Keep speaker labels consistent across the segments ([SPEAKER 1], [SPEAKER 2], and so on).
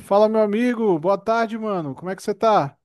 [SPEAKER 1] Fala, meu amigo. Boa tarde, mano. Como é que você tá?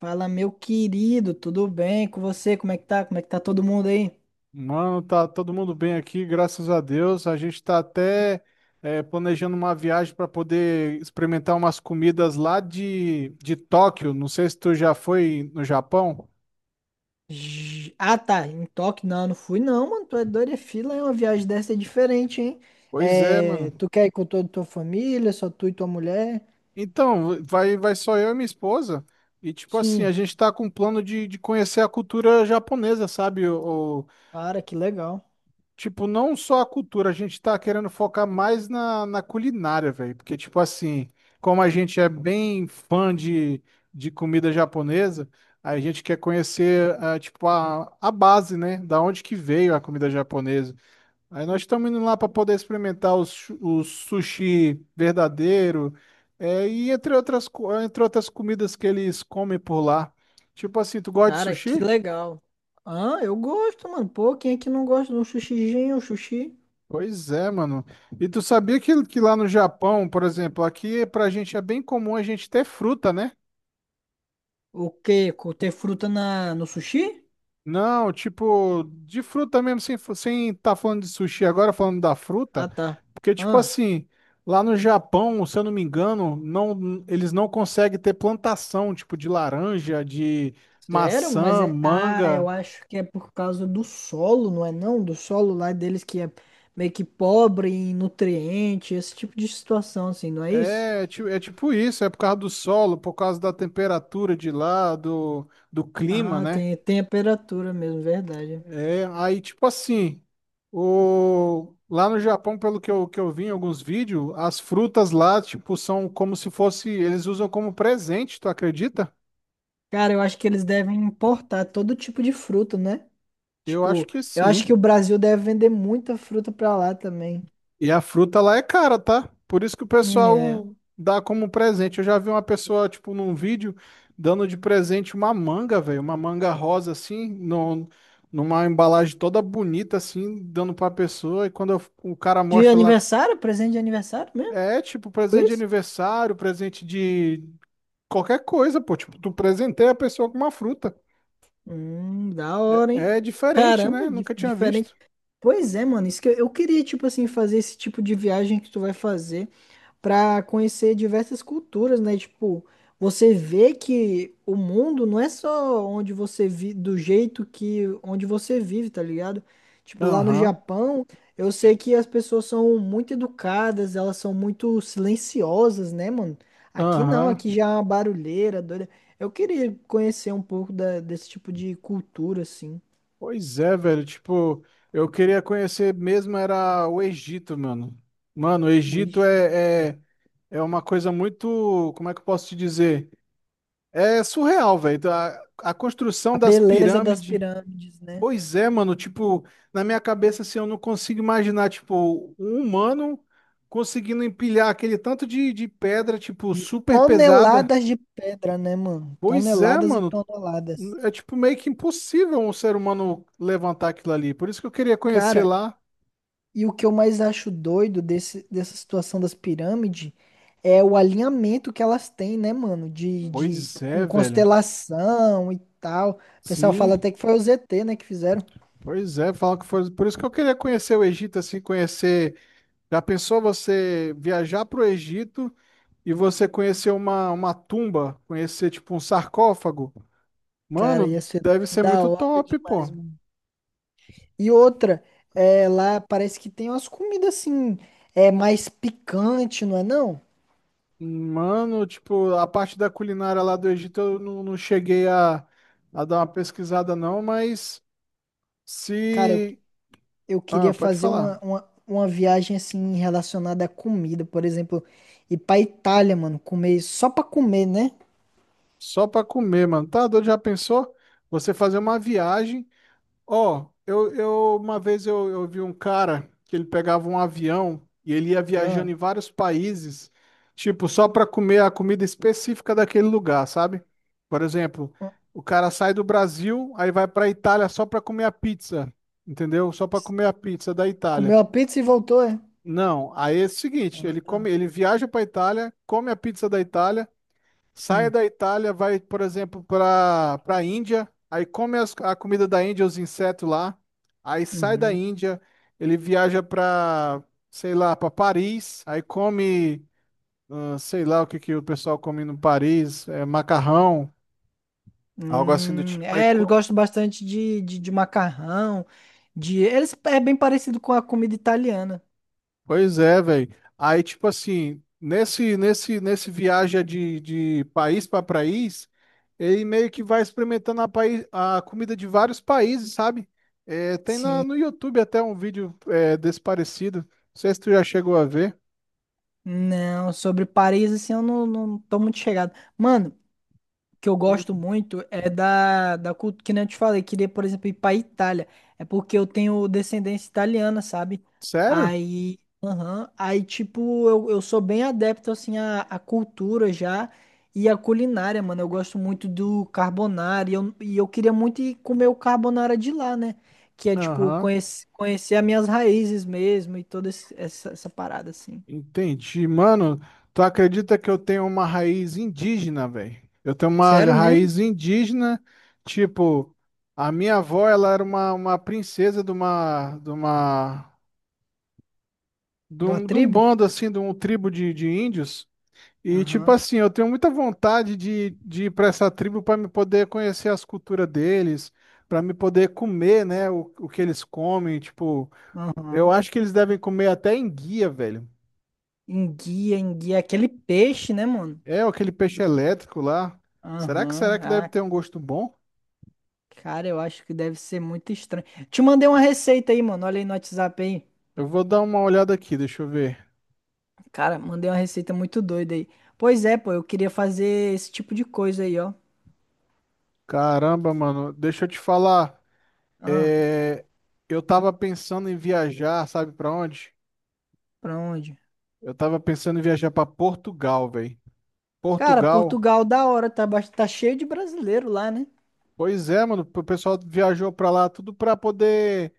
[SPEAKER 2] Fala, meu querido, tudo bem com você? Como é que tá? Como é que tá todo mundo aí?
[SPEAKER 1] Mano, tá todo mundo bem aqui, graças a Deus. A gente tá até planejando uma viagem para poder experimentar umas comidas lá de Tóquio. Não sei se tu já foi no Japão.
[SPEAKER 2] Ah, tá, em Tóquio não, não fui não, mano, tu é doido, é fila, é uma viagem dessa é diferente, hein?
[SPEAKER 1] Pois é,
[SPEAKER 2] É,
[SPEAKER 1] mano.
[SPEAKER 2] tu quer ir com toda a tua família, só tu e tua mulher?
[SPEAKER 1] Então, vai só eu e minha esposa. E, tipo assim, a
[SPEAKER 2] Sim.
[SPEAKER 1] gente tá com um plano de conhecer a cultura japonesa, sabe? O,
[SPEAKER 2] Cara, que legal.
[SPEAKER 1] tipo, não só a cultura, a gente tá querendo focar mais na culinária, velho. Porque, tipo assim, como a gente é bem fã de comida japonesa, a gente quer conhecer, ah, tipo, a base, né? Da onde que veio a comida japonesa. Aí nós estamos indo lá para poder experimentar o sushi verdadeiro, é, e entre outras, entre outras comidas que eles comem por lá. Tipo assim, tu gosta de
[SPEAKER 2] Cara, que
[SPEAKER 1] sushi?
[SPEAKER 2] legal. Ah, eu gosto, mano, pô, quem é que não gosta de um sushizinho, um sushi?
[SPEAKER 1] Pois é, mano. E tu sabia que lá no Japão, por exemplo, aqui pra gente é bem comum a gente ter fruta, né?
[SPEAKER 2] O quê? Ter fruta na, no sushi?
[SPEAKER 1] Não, tipo, de fruta mesmo, sem tá falando de sushi agora, falando da
[SPEAKER 2] Ah,
[SPEAKER 1] fruta,
[SPEAKER 2] tá.
[SPEAKER 1] porque, tipo
[SPEAKER 2] Ah.
[SPEAKER 1] assim, lá no Japão, se eu não me engano, não, eles não conseguem ter plantação, tipo, de laranja, de
[SPEAKER 2] Sério? Mas
[SPEAKER 1] maçã,
[SPEAKER 2] é. Ah, eu
[SPEAKER 1] manga.
[SPEAKER 2] acho que é por causa do solo, não é não? Do solo lá deles que é meio que pobre em nutriente, esse tipo de situação, assim, não é isso?
[SPEAKER 1] É, é tipo isso, é por causa do solo, por causa da temperatura de lá, do, do clima,
[SPEAKER 2] Ah,
[SPEAKER 1] né?
[SPEAKER 2] tem, tem a temperatura mesmo, verdade.
[SPEAKER 1] É, aí, tipo assim, o... lá no Japão, pelo que eu vi em alguns vídeos, as frutas lá, tipo, são como se fosse, eles usam como presente, tu acredita?
[SPEAKER 2] Cara, eu acho que eles devem importar todo tipo de fruta, né?
[SPEAKER 1] Eu acho
[SPEAKER 2] Tipo,
[SPEAKER 1] que
[SPEAKER 2] eu acho que o
[SPEAKER 1] sim.
[SPEAKER 2] Brasil deve vender muita fruta pra lá também.
[SPEAKER 1] E a fruta lá é cara, tá? Por isso que o
[SPEAKER 2] É.
[SPEAKER 1] pessoal dá como presente. Eu já vi uma pessoa, tipo, num vídeo, dando de presente uma manga, velho, uma manga rosa, assim, no... numa embalagem toda bonita, assim, dando pra pessoa, o cara
[SPEAKER 2] De
[SPEAKER 1] mostra lá.
[SPEAKER 2] aniversário? Presente de aniversário mesmo?
[SPEAKER 1] É, tipo,
[SPEAKER 2] Foi
[SPEAKER 1] presente de
[SPEAKER 2] isso?
[SPEAKER 1] aniversário, presente de qualquer coisa, pô. Tipo, tu presenteia a pessoa com uma fruta.
[SPEAKER 2] Da hora, hein?
[SPEAKER 1] É diferente,
[SPEAKER 2] Caramba,
[SPEAKER 1] né? Nunca tinha
[SPEAKER 2] diferente.
[SPEAKER 1] visto.
[SPEAKER 2] Pois é, mano, isso que eu queria, tipo assim, fazer esse tipo de viagem que tu vai fazer pra conhecer diversas culturas, né? Tipo, você vê que o mundo não é só onde você vive, do jeito que onde você vive, tá ligado? Tipo, lá no
[SPEAKER 1] Aham,
[SPEAKER 2] Japão, eu sei que as pessoas são muito educadas, elas são muito silenciosas, né, mano? Aqui não,
[SPEAKER 1] aham.
[SPEAKER 2] aqui já é uma barulheira, doida. Eu queria conhecer um pouco desse tipo de cultura, assim.
[SPEAKER 1] Pois é, velho. Tipo, eu queria conhecer mesmo era o Egito, mano. Mano, o
[SPEAKER 2] Uixe.
[SPEAKER 1] é uma coisa muito. Como é que eu posso te dizer? É surreal, velho. A construção
[SPEAKER 2] A
[SPEAKER 1] das
[SPEAKER 2] beleza das
[SPEAKER 1] pirâmides.
[SPEAKER 2] pirâmides, né?
[SPEAKER 1] Pois é, mano, tipo, na minha cabeça assim, eu não consigo imaginar, tipo, um humano conseguindo empilhar aquele tanto de pedra, tipo,
[SPEAKER 2] De
[SPEAKER 1] super pesada.
[SPEAKER 2] toneladas de pedra, né, mano?
[SPEAKER 1] Pois é,
[SPEAKER 2] Toneladas e
[SPEAKER 1] mano,
[SPEAKER 2] toneladas.
[SPEAKER 1] é tipo meio que impossível um ser humano levantar aquilo ali. Por isso que eu queria conhecer
[SPEAKER 2] Cara,
[SPEAKER 1] lá.
[SPEAKER 2] e o que eu mais acho doido dessa situação das pirâmides é o alinhamento que elas têm, né, mano?
[SPEAKER 1] Pois é,
[SPEAKER 2] Com
[SPEAKER 1] velho.
[SPEAKER 2] constelação e tal. O pessoal fala
[SPEAKER 1] Sim,
[SPEAKER 2] até que foi o ZT, né, que fizeram.
[SPEAKER 1] pois é, fala que foi. Por isso que eu queria conhecer o Egito, assim, conhecer. Já pensou você viajar pro Egito e você conhecer uma tumba, conhecer, tipo, um sarcófago?
[SPEAKER 2] Cara, ia
[SPEAKER 1] Mano,
[SPEAKER 2] ser
[SPEAKER 1] deve ser
[SPEAKER 2] da
[SPEAKER 1] muito
[SPEAKER 2] hora
[SPEAKER 1] top,
[SPEAKER 2] demais,
[SPEAKER 1] pô.
[SPEAKER 2] mano. E outra, é, lá parece que tem umas comidas assim, é mais picante, não é não?
[SPEAKER 1] Mano, tipo, a parte da culinária lá do Egito eu não cheguei a dar uma pesquisada, não, mas
[SPEAKER 2] Cara, eu
[SPEAKER 1] se.
[SPEAKER 2] eu
[SPEAKER 1] Ah,
[SPEAKER 2] queria
[SPEAKER 1] pode
[SPEAKER 2] fazer
[SPEAKER 1] falar.
[SPEAKER 2] uma viagem assim relacionada à comida, por exemplo, ir pra Itália, mano, comer só pra comer, né?
[SPEAKER 1] Só pra comer, mano. Tá doido? Já pensou? Você fazer uma viagem. Ó, eu uma vez eu vi um cara que ele pegava um avião e ele ia viajando
[SPEAKER 2] Ah,
[SPEAKER 1] em vários países, tipo, só para comer a comida específica daquele lugar, sabe? Por exemplo,
[SPEAKER 2] ah,
[SPEAKER 1] o cara sai do Brasil, aí vai para Itália só para comer a pizza, entendeu? Só para comer a pizza da Itália.
[SPEAKER 2] Comeu a pizza e voltou, é?
[SPEAKER 1] Não, aí é o seguinte,
[SPEAKER 2] Ah,
[SPEAKER 1] ele
[SPEAKER 2] tá.
[SPEAKER 1] come, ele viaja para Itália, come a pizza da Itália. Sai
[SPEAKER 2] Sim.
[SPEAKER 1] da Itália, vai, por exemplo, para a Índia, aí come a comida da Índia, os insetos lá, aí sai da
[SPEAKER 2] Uhum.
[SPEAKER 1] Índia, ele viaja para, sei lá, para Paris, aí come, ah, sei lá o que que o pessoal come no Paris, é, macarrão, algo assim do tipo,
[SPEAKER 2] É, eles gostam bastante de macarrão, de... Eles, é bem parecido com a comida italiana.
[SPEAKER 1] pois é, velho. Aí, tipo assim, nesse viagem de país para país, ele meio que vai experimentando a comida de vários países, sabe? É, tem
[SPEAKER 2] Sim.
[SPEAKER 1] no YouTube até um vídeo é, desse parecido. Não sei se tu já chegou a ver.
[SPEAKER 2] Não, sobre Paris, assim, eu não, não tô muito chegado. Mano, que eu gosto
[SPEAKER 1] Hum.
[SPEAKER 2] muito é da cultura, que nem eu te falei, queria, por exemplo, ir pra Itália. É porque eu tenho descendência italiana, sabe?
[SPEAKER 1] Sério?
[SPEAKER 2] Aí, aham, aí tipo, eu sou bem adepto, assim, à cultura já e à culinária, mano. Eu gosto muito do carbonara e eu queria muito ir comer o carbonara de lá, né? Que é, tipo,
[SPEAKER 1] Aham.
[SPEAKER 2] conhecer as minhas raízes mesmo e toda essa, essa parada, assim.
[SPEAKER 1] Entendi. Mano, tu acredita que eu tenho uma raiz indígena, velho? Eu tenho uma
[SPEAKER 2] Sério mesmo?
[SPEAKER 1] raiz indígena, tipo, a minha avó, ela era uma princesa de
[SPEAKER 2] De uma
[SPEAKER 1] de um
[SPEAKER 2] tribo?
[SPEAKER 1] bando, assim, de um tribo de índios. E, tipo
[SPEAKER 2] Aham,
[SPEAKER 1] assim, eu tenho muita vontade de ir pra essa tribo pra me poder conhecer as culturas deles, pra me poder comer, né, o que eles comem, tipo, eu
[SPEAKER 2] aham.
[SPEAKER 1] acho que eles devem comer até enguia, velho.
[SPEAKER 2] Enguia, enguia, aquele peixe, né, mano?
[SPEAKER 1] É aquele peixe elétrico lá. Será que
[SPEAKER 2] Aham.
[SPEAKER 1] será que deve
[SPEAKER 2] Ah,
[SPEAKER 1] ter um gosto bom?
[SPEAKER 2] cara, eu acho que deve ser muito estranho. Te mandei uma receita aí, mano. Olha aí no WhatsApp aí.
[SPEAKER 1] Eu vou dar uma olhada aqui, deixa eu ver.
[SPEAKER 2] Cara, mandei uma receita muito doida aí. Pois é, pô, eu queria fazer esse tipo de coisa aí, ó.
[SPEAKER 1] Caramba, mano, deixa eu te falar.
[SPEAKER 2] Ah,
[SPEAKER 1] Eu tava pensando em viajar, sabe pra onde?
[SPEAKER 2] pra onde?
[SPEAKER 1] Eu tava pensando em viajar pra Portugal, velho.
[SPEAKER 2] Cara,
[SPEAKER 1] Portugal.
[SPEAKER 2] Portugal, da hora, tá, tá cheio de brasileiro lá, né?
[SPEAKER 1] Pois é, mano, o pessoal viajou pra lá tudo pra poder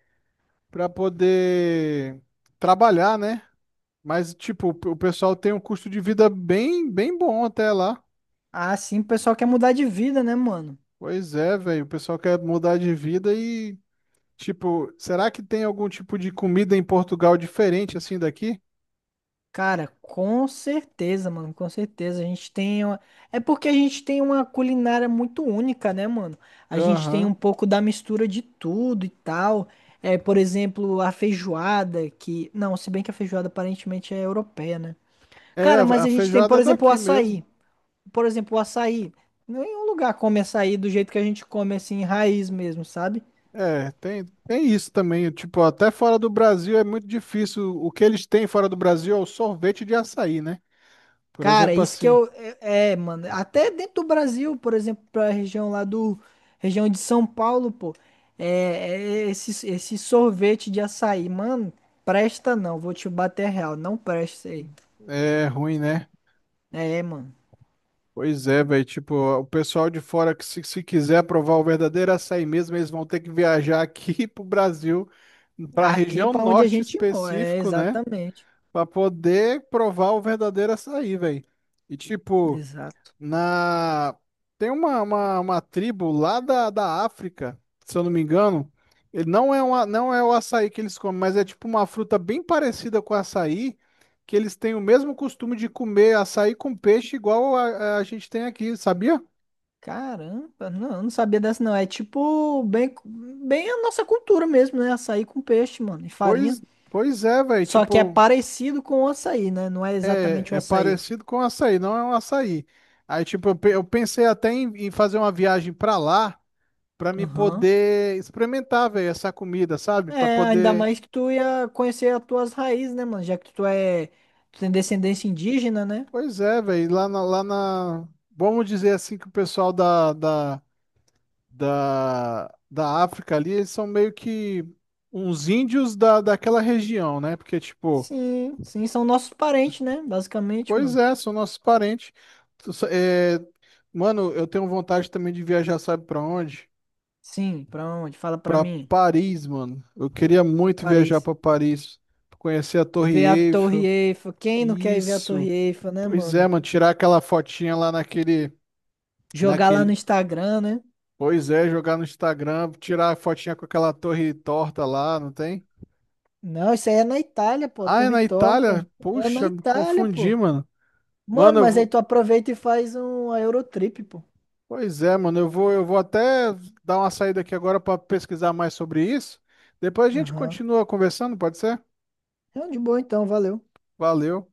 [SPEAKER 1] para poder trabalhar, né? Mas tipo, o pessoal tem um custo de vida bem bom até lá.
[SPEAKER 2] Ah, sim, o pessoal quer mudar de vida, né, mano?
[SPEAKER 1] Pois é, velho, o pessoal quer mudar de vida e tipo, será que tem algum tipo de comida em Portugal diferente assim daqui?
[SPEAKER 2] Cara, com certeza, mano, com certeza. A gente tem uma... É porque a gente tem uma culinária muito única, né, mano? A gente tem um
[SPEAKER 1] Aham.
[SPEAKER 2] pouco da mistura de tudo e tal. É, por exemplo, a feijoada, que... Não, se bem que a feijoada aparentemente é europeia, né?
[SPEAKER 1] É,
[SPEAKER 2] Cara,
[SPEAKER 1] a
[SPEAKER 2] mas
[SPEAKER 1] a
[SPEAKER 2] a gente tem,
[SPEAKER 1] feijoada
[SPEAKER 2] por
[SPEAKER 1] é
[SPEAKER 2] exemplo, o
[SPEAKER 1] daqui mesmo.
[SPEAKER 2] açaí. Por exemplo, o açaí. Nenhum lugar come açaí do jeito que a gente come, assim, raiz mesmo, sabe?
[SPEAKER 1] É, tem isso também. Tipo, até fora do Brasil é muito difícil. O que eles têm fora do Brasil é o sorvete de açaí, né? Por
[SPEAKER 2] Cara,
[SPEAKER 1] exemplo,
[SPEAKER 2] isso que
[SPEAKER 1] assim.
[SPEAKER 2] eu. É, é, mano. Até dentro do Brasil, por exemplo, pra região lá do. Região de São Paulo, pô. É, é esse, esse sorvete de açaí, mano. Presta não, vou te bater real. Não presta isso aí.
[SPEAKER 1] É ruim, né?
[SPEAKER 2] É, mano.
[SPEAKER 1] Pois é, velho. Tipo, o pessoal de fora que se quiser provar o verdadeiro açaí mesmo, eles vão ter que viajar aqui pro Brasil, pra
[SPEAKER 2] Aqui
[SPEAKER 1] região
[SPEAKER 2] pra onde a
[SPEAKER 1] norte
[SPEAKER 2] gente mora. É,
[SPEAKER 1] específico, né?
[SPEAKER 2] exatamente.
[SPEAKER 1] Pra poder provar o verdadeiro açaí, velho. E tipo.
[SPEAKER 2] Exato.
[SPEAKER 1] Na... Tem uma tribo lá da África, se eu não me engano. Ele não é, uma, não é o açaí que eles comem, mas é tipo uma fruta bem parecida com açaí, que eles têm o mesmo costume de comer açaí com peixe, igual a gente tem aqui, sabia?
[SPEAKER 2] Caramba, não, eu não sabia dessa não. É tipo bem, bem a nossa cultura mesmo, né? Açaí com peixe, mano, e farinha.
[SPEAKER 1] Pois, pois é, velho.
[SPEAKER 2] Só que é
[SPEAKER 1] Tipo,
[SPEAKER 2] parecido com o açaí, né? Não é exatamente o
[SPEAKER 1] é, é
[SPEAKER 2] açaí.
[SPEAKER 1] parecido com açaí, não é um açaí. Aí, tipo, eu pensei até em, em fazer uma viagem pra lá, pra me
[SPEAKER 2] Aham.
[SPEAKER 1] poder experimentar, velho, essa comida, sabe? Pra
[SPEAKER 2] É, ainda
[SPEAKER 1] poder
[SPEAKER 2] mais que tu ia conhecer as tuas raízes, né, mano? Já que tu é, tu tem descendência indígena, né?
[SPEAKER 1] pois é, velho. Lá na, lá na. Vamos dizer assim que o pessoal da África ali, eles são meio que uns índios daquela região, né? Porque, tipo,
[SPEAKER 2] Sim, sim, são nossos parentes, né? Basicamente,
[SPEAKER 1] pois
[SPEAKER 2] mano.
[SPEAKER 1] é, são nossos parentes. Tu sa- é, Mano, eu tenho vontade também de viajar, sabe pra onde?
[SPEAKER 2] Sim, pra onde? Fala pra
[SPEAKER 1] Pra
[SPEAKER 2] mim.
[SPEAKER 1] Paris, mano. Eu queria muito viajar
[SPEAKER 2] Paris.
[SPEAKER 1] pra Paris, conhecer a Torre
[SPEAKER 2] Ver a Torre
[SPEAKER 1] Eiffel.
[SPEAKER 2] Eiffel. Quem não quer ir ver a Torre
[SPEAKER 1] Isso.
[SPEAKER 2] Eiffel, né,
[SPEAKER 1] Pois é,
[SPEAKER 2] mano?
[SPEAKER 1] mano, tirar aquela fotinha lá naquele,
[SPEAKER 2] Jogar lá no
[SPEAKER 1] naquele
[SPEAKER 2] Instagram, né?
[SPEAKER 1] pois é, jogar no Instagram, tirar a fotinha com aquela torre torta lá, não tem?
[SPEAKER 2] Não, isso aí é na Itália, pô.
[SPEAKER 1] Ah, é
[SPEAKER 2] Torre
[SPEAKER 1] na
[SPEAKER 2] Torta.
[SPEAKER 1] Itália?
[SPEAKER 2] É na
[SPEAKER 1] Puxa, me
[SPEAKER 2] Itália, pô.
[SPEAKER 1] confundi, mano. Mano,
[SPEAKER 2] Mano,
[SPEAKER 1] eu
[SPEAKER 2] mas aí
[SPEAKER 1] vou...
[SPEAKER 2] tu aproveita e faz uma Eurotrip, pô.
[SPEAKER 1] Pois é, mano, eu vou até dar uma saída aqui agora para pesquisar mais sobre isso. Depois a gente
[SPEAKER 2] Aham.
[SPEAKER 1] continua conversando, pode ser?
[SPEAKER 2] É de boa então, valeu.
[SPEAKER 1] Valeu.